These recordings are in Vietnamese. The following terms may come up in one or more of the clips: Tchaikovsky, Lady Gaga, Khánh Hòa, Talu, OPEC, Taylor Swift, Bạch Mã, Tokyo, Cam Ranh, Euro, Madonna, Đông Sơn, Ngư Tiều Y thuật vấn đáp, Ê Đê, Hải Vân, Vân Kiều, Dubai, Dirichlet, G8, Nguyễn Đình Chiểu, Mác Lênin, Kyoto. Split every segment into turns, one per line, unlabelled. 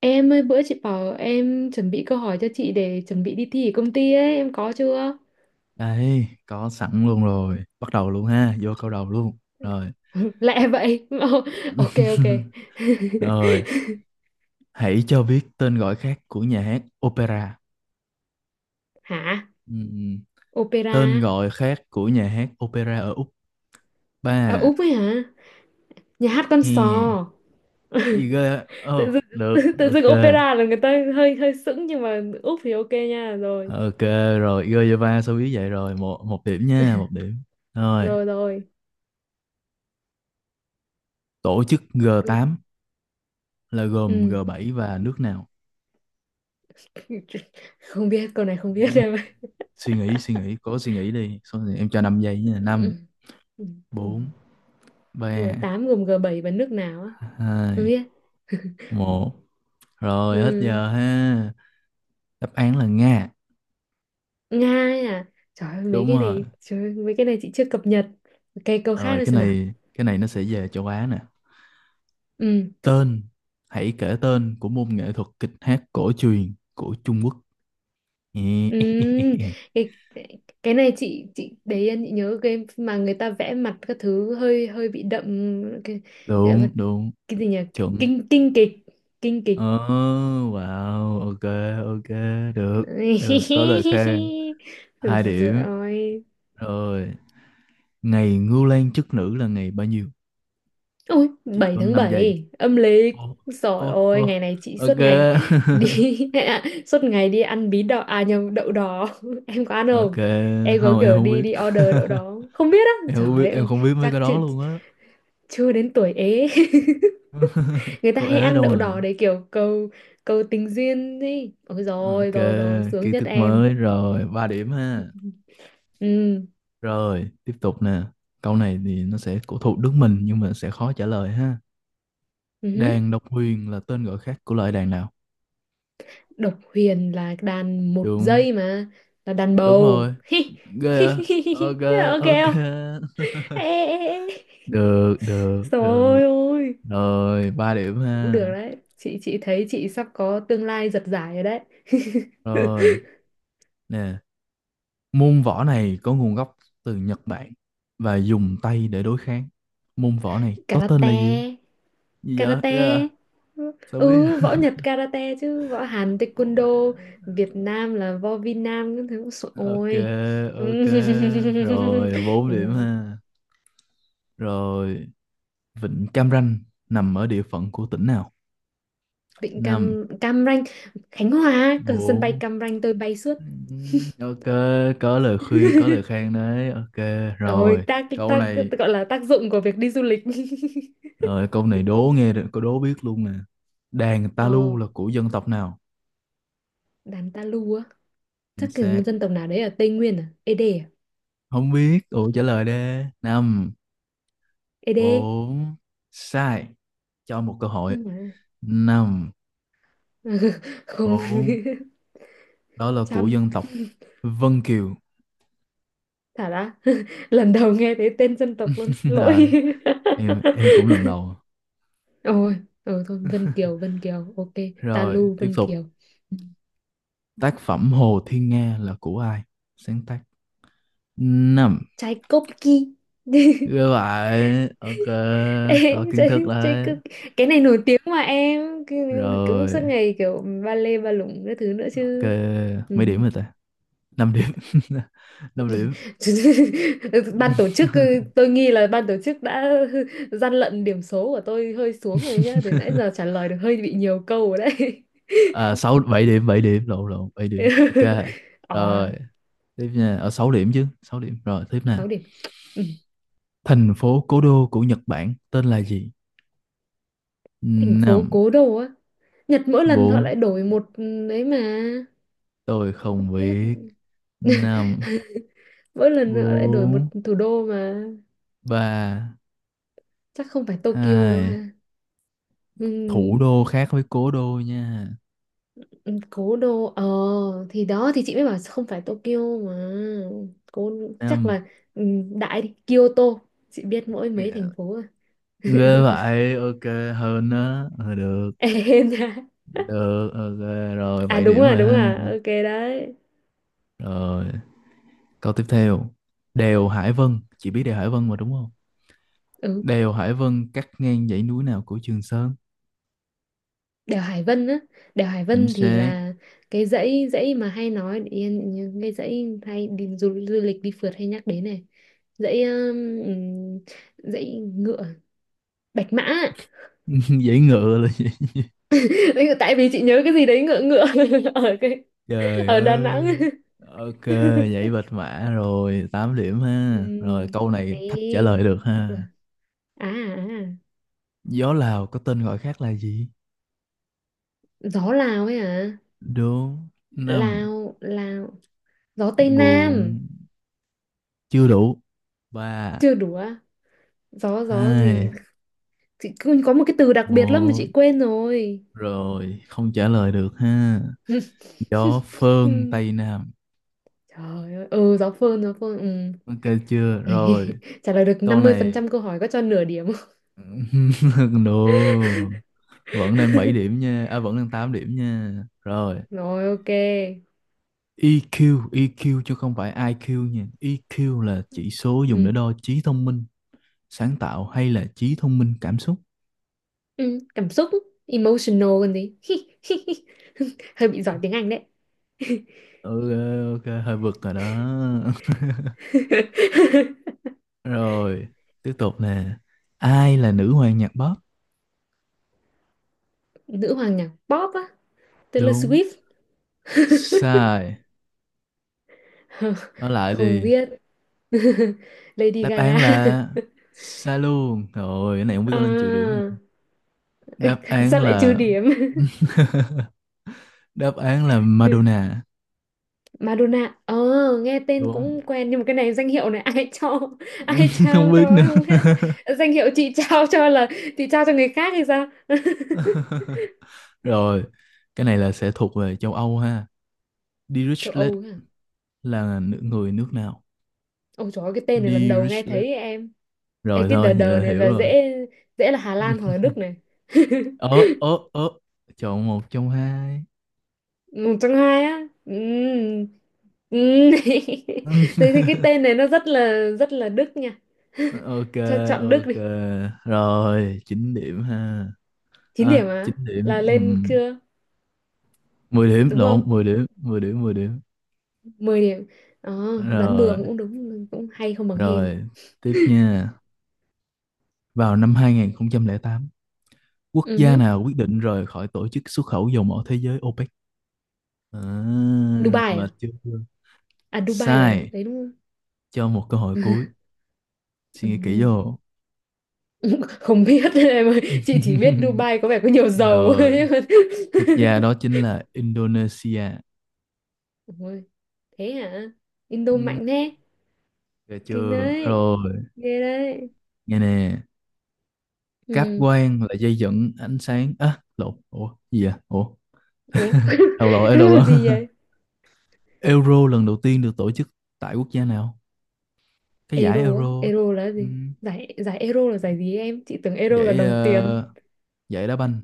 Em ơi bữa chị bảo em chuẩn bị câu hỏi cho chị để chuẩn bị đi thi ở công ty ấy, em có chưa?
Đây, có sẵn luôn rồi. Bắt đầu luôn ha, vô câu đầu luôn. Rồi.
Lẹ vậy. Ờ, ok ok.
Rồi, hãy cho biết tên gọi khác của nhà hát opera.
Hả?
Ừm,
Opera.
Tên gọi khác của nhà hát opera ở Úc.
À,
Ba.
Úc ấy hả? Nhà hát con sò.
He. Gì ghê?
Tự
Ờ,
dưng tự,
được.
tự
Ok.
dưng opera là người ta hơi hơi sững nhưng mà Úc thì ok nha. Rồi.
Ok rồi, Gojava số biết vậy rồi, một một điểm nha, một điểm. Rồi,
Rồi rồi.
tổ chức g
Cứ-
tám là gồm
Ừ.
G7 và nước nào?
Không biết câu này không biết
Ừm,
em ơi.
Suy nghĩ, cố suy nghĩ đi. Số này em cho 5 giây nha. Năm,
Ừ. Ừ.
bốn, ba,
G8 gồm g bảy và nước nào á? Không
hai,
biết.
một. Rồi hết
Ừ.
giờ ha. Đáp án là Nga.
Nga ấy à, trời ơi, mấy
Đúng
cái
rồi.
này trời ơi, mấy cái này chị chưa cập nhật cái câu khác
Rồi,
nữa
cái
xem nào.
này cái này nó sẽ về châu Á nè.
Ừ
Tên hãy kể tên của môn nghệ thuật kịch hát cổ truyền của Trung Quốc.
ừ. Cái này chị để yên chị nhớ game mà người ta vẽ mặt các thứ hơi hơi bị đậm cái gọi là
Đúng, đúng,
cái gì nhỉ,
chuẩn.
kinh kinh kịch, kinh
Ờ,
kịch.
wow. Ok, ok. Được, được có lời khen. hai điểm
Rồi.
Rồi, ngày Ngưu Lang chức nữ là ngày bao nhiêu?
Ôi,
Chỉ
7
có
tháng
5 giây.
7 âm lịch.
Ô,
Rồi
ô,
ôi,
ô.
ngày này chị
Ok.
suốt ngày đi. Suốt ngày đi ăn bí đỏ, à nhầm, đậu đỏ. Em có ăn
Ok.
không? Em có
Không, em
kiểu
không
đi
biết.
đi order đậu đỏ không? Không biết á.
Em không biết,
Trời
em
ơi,
không biết mấy
chắc
cái
chưa,
đó luôn á.
chưa đến tuổi ế. Người ta
Có
hay
ế
ăn
đâu
đậu đỏ
mà.
để kiểu cầu cầu tình duyên đi. Ôi rồi,
Ok,
rồi rồi, sướng
kiến
nhất
thức
em.
mới rồi. 3 điểm ha.
Ừ.
Rồi tiếp tục nè. Câu này thì nó sẽ thuộc nước mình nhưng mà sẽ khó trả lời ha.
Ừ.
Đàn độc huyền là tên gọi khác của loại đàn nào?
Độc huyền là đàn một
Đúng,
giây mà, là đàn
đúng
bầu.
rồi. Ghê à? Ok,
Ok
ok.
không? Ê, ê, ê.
Được, được, được.
Trời ơi,
Rồi, ba điểm
cũng
ha.
được đấy. Chị thấy chị sắp có tương lai giật giải rồi đấy.
Rồi nè. Môn võ này có nguồn gốc từ Nhật Bản và dùng tay để đối kháng. Môn võ này có tên là
Karate,
gì? Gì vậy?
karate.
Yeah, sao biết?
Ừ, võ Nhật karate chứ, võ Hàn
Ồ,
taekwondo,
mẹ.
Việt Nam là võ Việt Nam các thứ. Sợ-
Ok,
Ôi.
ok. Rồi, bốn
Ừ.
điểm ha. Rồi, Vịnh Cam Ranh nằm ở địa phận của tỉnh nào?
Vịnh
5,
Cam Cam Ranh, Khánh Hòa, cực sân bay
4.
Cam Ranh tôi bay suốt.
Ok, có lời khuyên, có lời khen đấy. Ok,
Ôi
rồi.
tác
Câu
tác
này,
gọi là tác dụng của việc đi du lịch.
rồi câu này đố nghe được, có đố biết luôn nè. Đàn ta lu
Ờ,
là của dân tộc nào?
đàn ta lu á.
Chính
Chắc cái một
xác.
dân tộc nào đấy ở Tây Nguyên, à Ê đê à.
Không biết, ủa trả lời đi. Năm,
Ê đê
bốn. Sai. Cho một cơ hội.
không mà.
Năm,
Không.
bốn. Đó là của
Chăm
dân tộc Vân Kiều.
thả ra. Lần đầu nghe thấy tên dân tộc luôn, xin lỗi.
Ờ, em cũng lần đầu.
Ôi, ừ, thôi Vân Kiều Vân Kiều ok.
Rồi
Talu
tiếp
Vân
tục.
Kiều. Ừ.
Tác phẩm Hồ Thiên Nga là của ai sáng tác? Năm.
Tchaikovsky.
Như vậy ok.
Ê,
Có kiến thức đấy.
Tchaikovsky cái này nổi tiếng mà em. Cứ- cũng
Rồi.
suốt ngày kiểu ba lê ba lủng cái thứ nữa
Ok,
chứ. Ừ.
mấy điểm rồi ta? 5 điểm. 5 điểm.
Ban tổ chức, ừ, tôi nghi là ban tổ chức đã gian lận điểm số của tôi hơi xuống rồi nhá, từ nãy giờ trả lời được hơi bị nhiều câu rồi đấy.
À, sáu 7 điểm, 7 điểm, lộn, lộn, 7 điểm. Ok.
Ờ,
Rồi tiếp nha. Ở 6 điểm chứ, 6 điểm. Rồi tiếp nè.
6 điểm. Ừ.
Thành phố cố đô của Nhật Bản tên là gì?
Thành phố
Năm,
cố đô á. Nhật mỗi lần họ
bốn.
lại đổi một đấy mà.
Tôi
Không
không
biết.
biết. Năm,
Mỗi lần họ lại đổi một
bốn,
thủ đô mà.
ba,
Chắc không phải Tokyo đâu
hai.
ha. Ừ.
Thủ đô khác với cố đô nha.
Ừ, cố đô, ờ thì đó thì chị mới bảo không phải Tokyo mà. Cố chắc
Năm.
là, ừ, đại đi Kyoto. Chị biết mỗi mấy thành phố à.
Ghê vậy, ok. Hơn đó. Ờ, được.
Em nha.
Được, ok. Rồi,
À
7
đúng
điểm
à
rồi
đúng
ha.
à, ok đấy.
Rồi câu tiếp theo. Đèo Hải Vân, chị biết đèo Hải Vân mà đúng không?
Ừ.
Đèo Hải Vân cắt ngang dãy núi nào của Trường Sơn?
Đèo Hải Vân á. Đèo Hải
Chính
Vân thì
xác.
là cái dãy dãy mà hay nói yên những cái dãy hay đi du lịch đi phượt hay nhắc đến này. Dãy dãy ngựa, Bạch Mã.
Dãy ngựa là gì?
Tại vì chị nhớ cái gì đấy ngựa ngựa ở cái
Trời
ở Đà Nẵng.
ơi. Ok, dãy bạch mã. Rồi 8 điểm
Ừ
ha. Rồi câu này thách trả
ấy.
lời được ha.
À, à,
Gió Lào có tên gọi khác là gì?
gió Lào ấy à.
Đúng. Năm,
Lào Lào, gió Tây Nam.
bốn. Chưa đủ. Ba,
Chưa đủ à? Gió gió gì,
hai,
chị cứ có một cái từ đặc biệt lắm mà
một.
chị quên rồi.
Rồi không trả lời được ha. Gió phơn
Ừ.
tây nam.
Trời ơi, ừ, gió phơn, gió phơn, ừ.
Ok chưa? Rồi
Trả lời được
câu
năm mươi phần
này.
trăm câu hỏi có cho nửa điểm không?
No, vẫn đang 7 điểm nha. À, vẫn đang 8 điểm nha. Rồi,
Rồi ok.
EQ, EQ chứ không phải IQ nha. EQ là chỉ số dùng
Ừ.
để đo trí thông minh, sáng tạo hay là trí thông minh cảm xúc.
Ừ. Cảm xúc, emotional còn gì. Hơi bị giỏi tiếng Anh đấy.
Ừ, ok, hơi vượt rồi đó. Rồi, tiếp tục nè. Ai là nữ hoàng nhạc pop?
Nữ hoàng nhạc pop á, Taylor
Đúng.
Swift.
Sai. Nói lại
Không
đi.
biết. Lady
Đáp
Gaga.
án là sai luôn. Rồi, cái này không biết có nên trừ điểm
À,
nữa. Đáp án
sao lại trừ
là
điểm.
đáp án là Madonna.
Madonna, ờ, nghe tên
Đúng.
cũng quen nhưng mà cái này danh hiệu này ai cho. Ai
Không
trao
biết
cho ấy,
nữa.
không biết. Danh hiệu chị trao cho là chị trao cho người khác hay sao.
Rồi, cái này là sẽ thuộc về châu Âu ha.
Châu
Dirichlet
Âu ấy à.
là người nước nào?
Ôi trời ơi, cái tên này lần đầu nghe
Dirichlet.
thấy em. Ê,
Rồi
cái đờ
thôi, vậy
đờ
là
này
hiểu
là
rồi.
dễ, dễ là Hà Lan hoặc là Đức này.
Ớ, ớ, ớ. Chọn một trong hai.
Một trong hai á, ừ. Ừ. Tôi thấy cái tên này nó rất là Đức nha.
Ok,
Thôi chọn Đức
ok.
đi.
Rồi, 9 điểm ha.
Chín
À,
điểm á,
9 điểm.
là
Ừ.
lên chưa?
10 điểm,
Đúng
lộn,
không?
10 điểm, 10 điểm, 10 điểm.
Mười điểm. Ờ, đoán bừa
Rồi,
cũng đúng, cũng hay không bằng hên.
rồi. Tiếp nha. Vào năm 2008, quốc
Ừ
gia
hứ.
nào quyết định rời khỏi tổ chức xuất khẩu dầu mỏ thế giới OPEC? À,
Dubai
mà
à?
chưa.
À Dubai là
Sai.
đấy đúng không?
Cho một cơ hội cuối. Suy
Ừ.
nghĩ kỹ vô.
Không biết em ơi, chị chỉ biết Dubai có vẻ có nhiều dầu
Rồi,
ấy.
quốc gia đó chính là Indonesia.
Ôi, thế hả? Indo
Ừm,
mạnh thế.
được
Kinh
chưa
đấy.
rồi.
Ghê đấy.
Nghe nè, cáp
Ừ.
quang là dây dẫn ánh sáng á, lộn, ủa gì vậy ủa.
Ủa,
Đầu lộn, ê, đầu
làm
lộn.
gì vậy?
Euro lần đầu tiên được tổ chức tại quốc gia nào? Cái giải
Euro á,
Euro.
Euro là cái gì,
Ừm,
giải giải Euro là giải gì em, chị tưởng Euro là
giải
đồng tiền.
giải đá banh.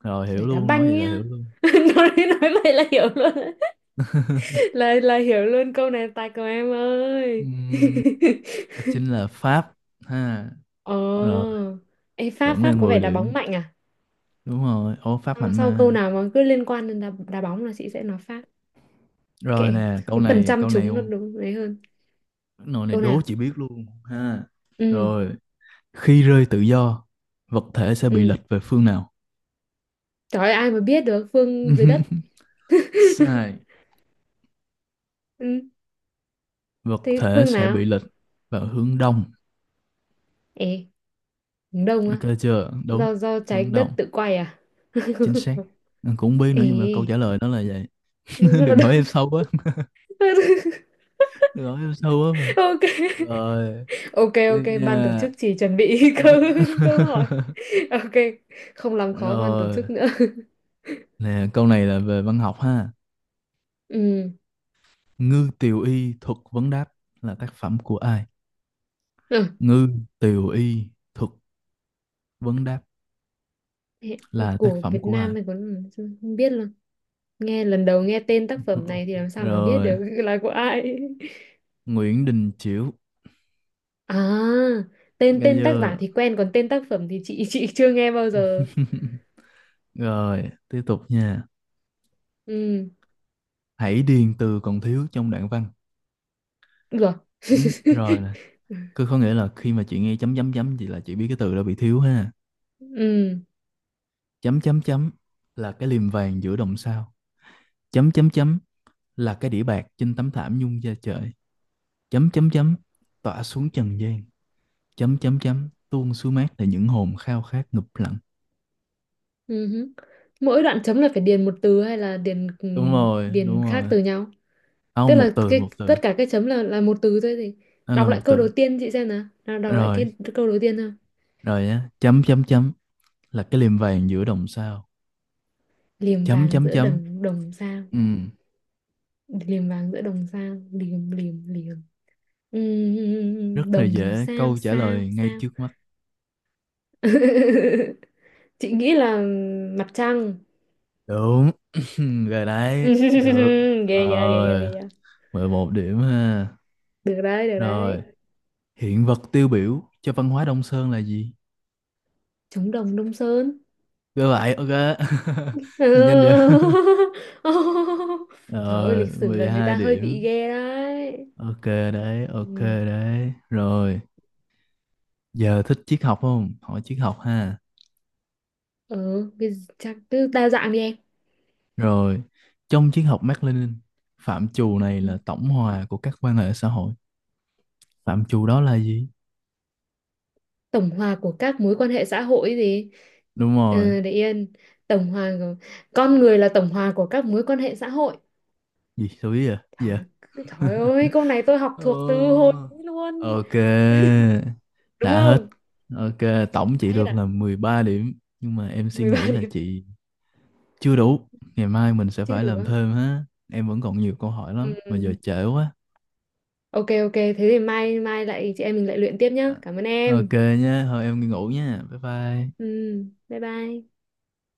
Rồi hiểu
Giải đá
luôn, nói
banh
vậy là
nhá.
hiểu luôn.
nói nói vậy là hiểu luôn á. Là hiểu luôn câu này tài của em ơi.
Ừm, đó chính là Pháp ha.
Ồ,
Rồi
ê, Pháp
vẫn
Pháp
lên
có vẻ
10
đá bóng
điểm
mạnh à?
đúng rồi ô Pháp
Sau,
mạnh
sau câu
mà
nào mà cứ liên quan đến đá, đá bóng là chị sẽ nói Pháp.
rồi
Kệ,
nè, câu
cái phần
này
trăm
câu này
trúng nó
không,
đúng đấy hơn.
nội này
Câu
đố
nào?
chị biết luôn ha.
Ừ.
Rồi, khi rơi tự do, vật thể sẽ bị
Ừ.
lệch về phương nào?
Trời ơi, ai mà biết được phương dưới đất.
Sai.
Ừ,
Vật
thế
thể
phương
sẽ bị
nào?
lệch vào hướng đông.
Ê, hướng đông
Ok
á.
chưa? Đúng,
Do do trái
hướng
đất
đông
tự quay à.
chính xác. Anh cũng không biết nữa nhưng mà câu
Ê,
trả lời nó là vậy.
rất là
Đừng hỏi
đông.
em sâu quá. Đừng hỏi em sâu quá mà.
Ok
Rồi
ok, ok
tiếp
ban tổ
nha.
chức chỉ chuẩn bị câu câu hỏi, ok, không làm khó ban tổ
Rồi,
chức nữa.
nè, câu này là về văn học ha.
Ừ.
Ngư Tiều Y thuật vấn đáp là tác phẩm của ai?
Ừ.
Ngư Tiều Y thuật vấn đáp là tác
Của
phẩm
Việt
của ai?
Nam mình còn không biết luôn, nghe lần đầu nghe tên tác phẩm này thì làm sao mà biết
Rồi,
được là của ai.
Nguyễn Đình Chiểu.
À, tên
Nghe
tên tác giả
chưa?
thì quen còn tên tác phẩm thì chị chưa nghe bao giờ.
Rồi, tiếp tục nha.
Ừ,
Hãy điền từ còn thiếu trong đoạn văn.
được.
Chấm, rồi nè. Cứ có nghĩa là khi mà chị nghe chấm chấm chấm thì là chị biết cái từ đó bị thiếu ha.
Ừ.
Chấm chấm chấm là cái liềm vàng giữa đồng sao. Chấm chấm chấm là cái đĩa bạc trên tấm thảm nhung da trời. Chấm chấm chấm tỏa xuống trần gian. Chấm chấm chấm tuôn xuống mát để những hồn khao khát ngụp lặn.
Ừ hứ. Mỗi đoạn chấm là phải điền một từ hay là điền
Đúng rồi,
điền
đúng
khác
rồi.
từ nhau? Tức
Không, một
là
từ,
cái
một từ.
tất cả cái chấm là một từ thôi thì
Đó là
đọc
một
lại câu đầu
từ.
tiên chị xem nào. Nào đọc lại cái
Rồi,
câu đầu tiên thôi.
rồi á. Chấm chấm chấm là cái liềm vàng giữa đồng sao.
Liềm
Chấm
vàng
chấm
giữa
chấm,
đồng đồng sao?
ừ.
Liềm vàng giữa đồng sao? Liềm liềm liềm.
Rất là
Đồng
dễ,
sao
câu trả
sao
lời ngay
sao?
trước mắt.
Chị nghĩ là mặt trăng.
Đúng. Rồi đấy, được.
Ghê yeah, ghê yeah, ghê
Rồi,
yeah.
11 điểm ha.
Được đấy, được đấy.
Rồi, hiện vật tiêu biểu cho văn hóa Đông Sơn là gì?
Trống đồng Đông Sơn.
Ghê vậy, ok. Nhìn nhanh
Ừ.
vậy.
Trời ơi,
Rồi,
lịch sử
mười
là người
hai
ta hơi bị
điểm.
ghê đấy.
Ok đấy, ok
Ừ,
đấy. Rồi, giờ thích triết học không? Hỏi triết học ha.
ờ, cái chắc cứ đa dạng đi em.
Rồi, trong triết học Mác Lênin, phạm trù này
Ừ.
là tổng hòa của các quan hệ xã hội. Phạm trù đó là gì?
Tổng hòa của các mối quan hệ xã hội gì?
Đúng rồi.
Ờ, để yên. Tổng hòa của... Con người là tổng hòa của các mối quan hệ xã hội.
Gì? Sao biết vậy? Gì vậy?
Trời, trời ơi, câu này tôi học thuộc từ hồi
Ồ.
ấy luôn.
Ok.
Đúng
Đã hết.
không?
Ok, tổng
Đã
chị
hết
được
ạ.
là 13 điểm. Nhưng mà em suy
13
nghĩ là
điểm.
chị chưa đủ. Ngày mai mình sẽ
Chưa
phải
đủ
làm
không?
thêm ha. Em vẫn còn nhiều câu hỏi
Ừ.
lắm, mà giờ trễ quá.
Ok, ok. Thế thì mai mai lại chị em mình lại luyện tiếp nhá.
À,
Cảm ơn
ok
em.
nhé, thôi em đi ngủ nha. Bye bye.
Ừ, bye bye.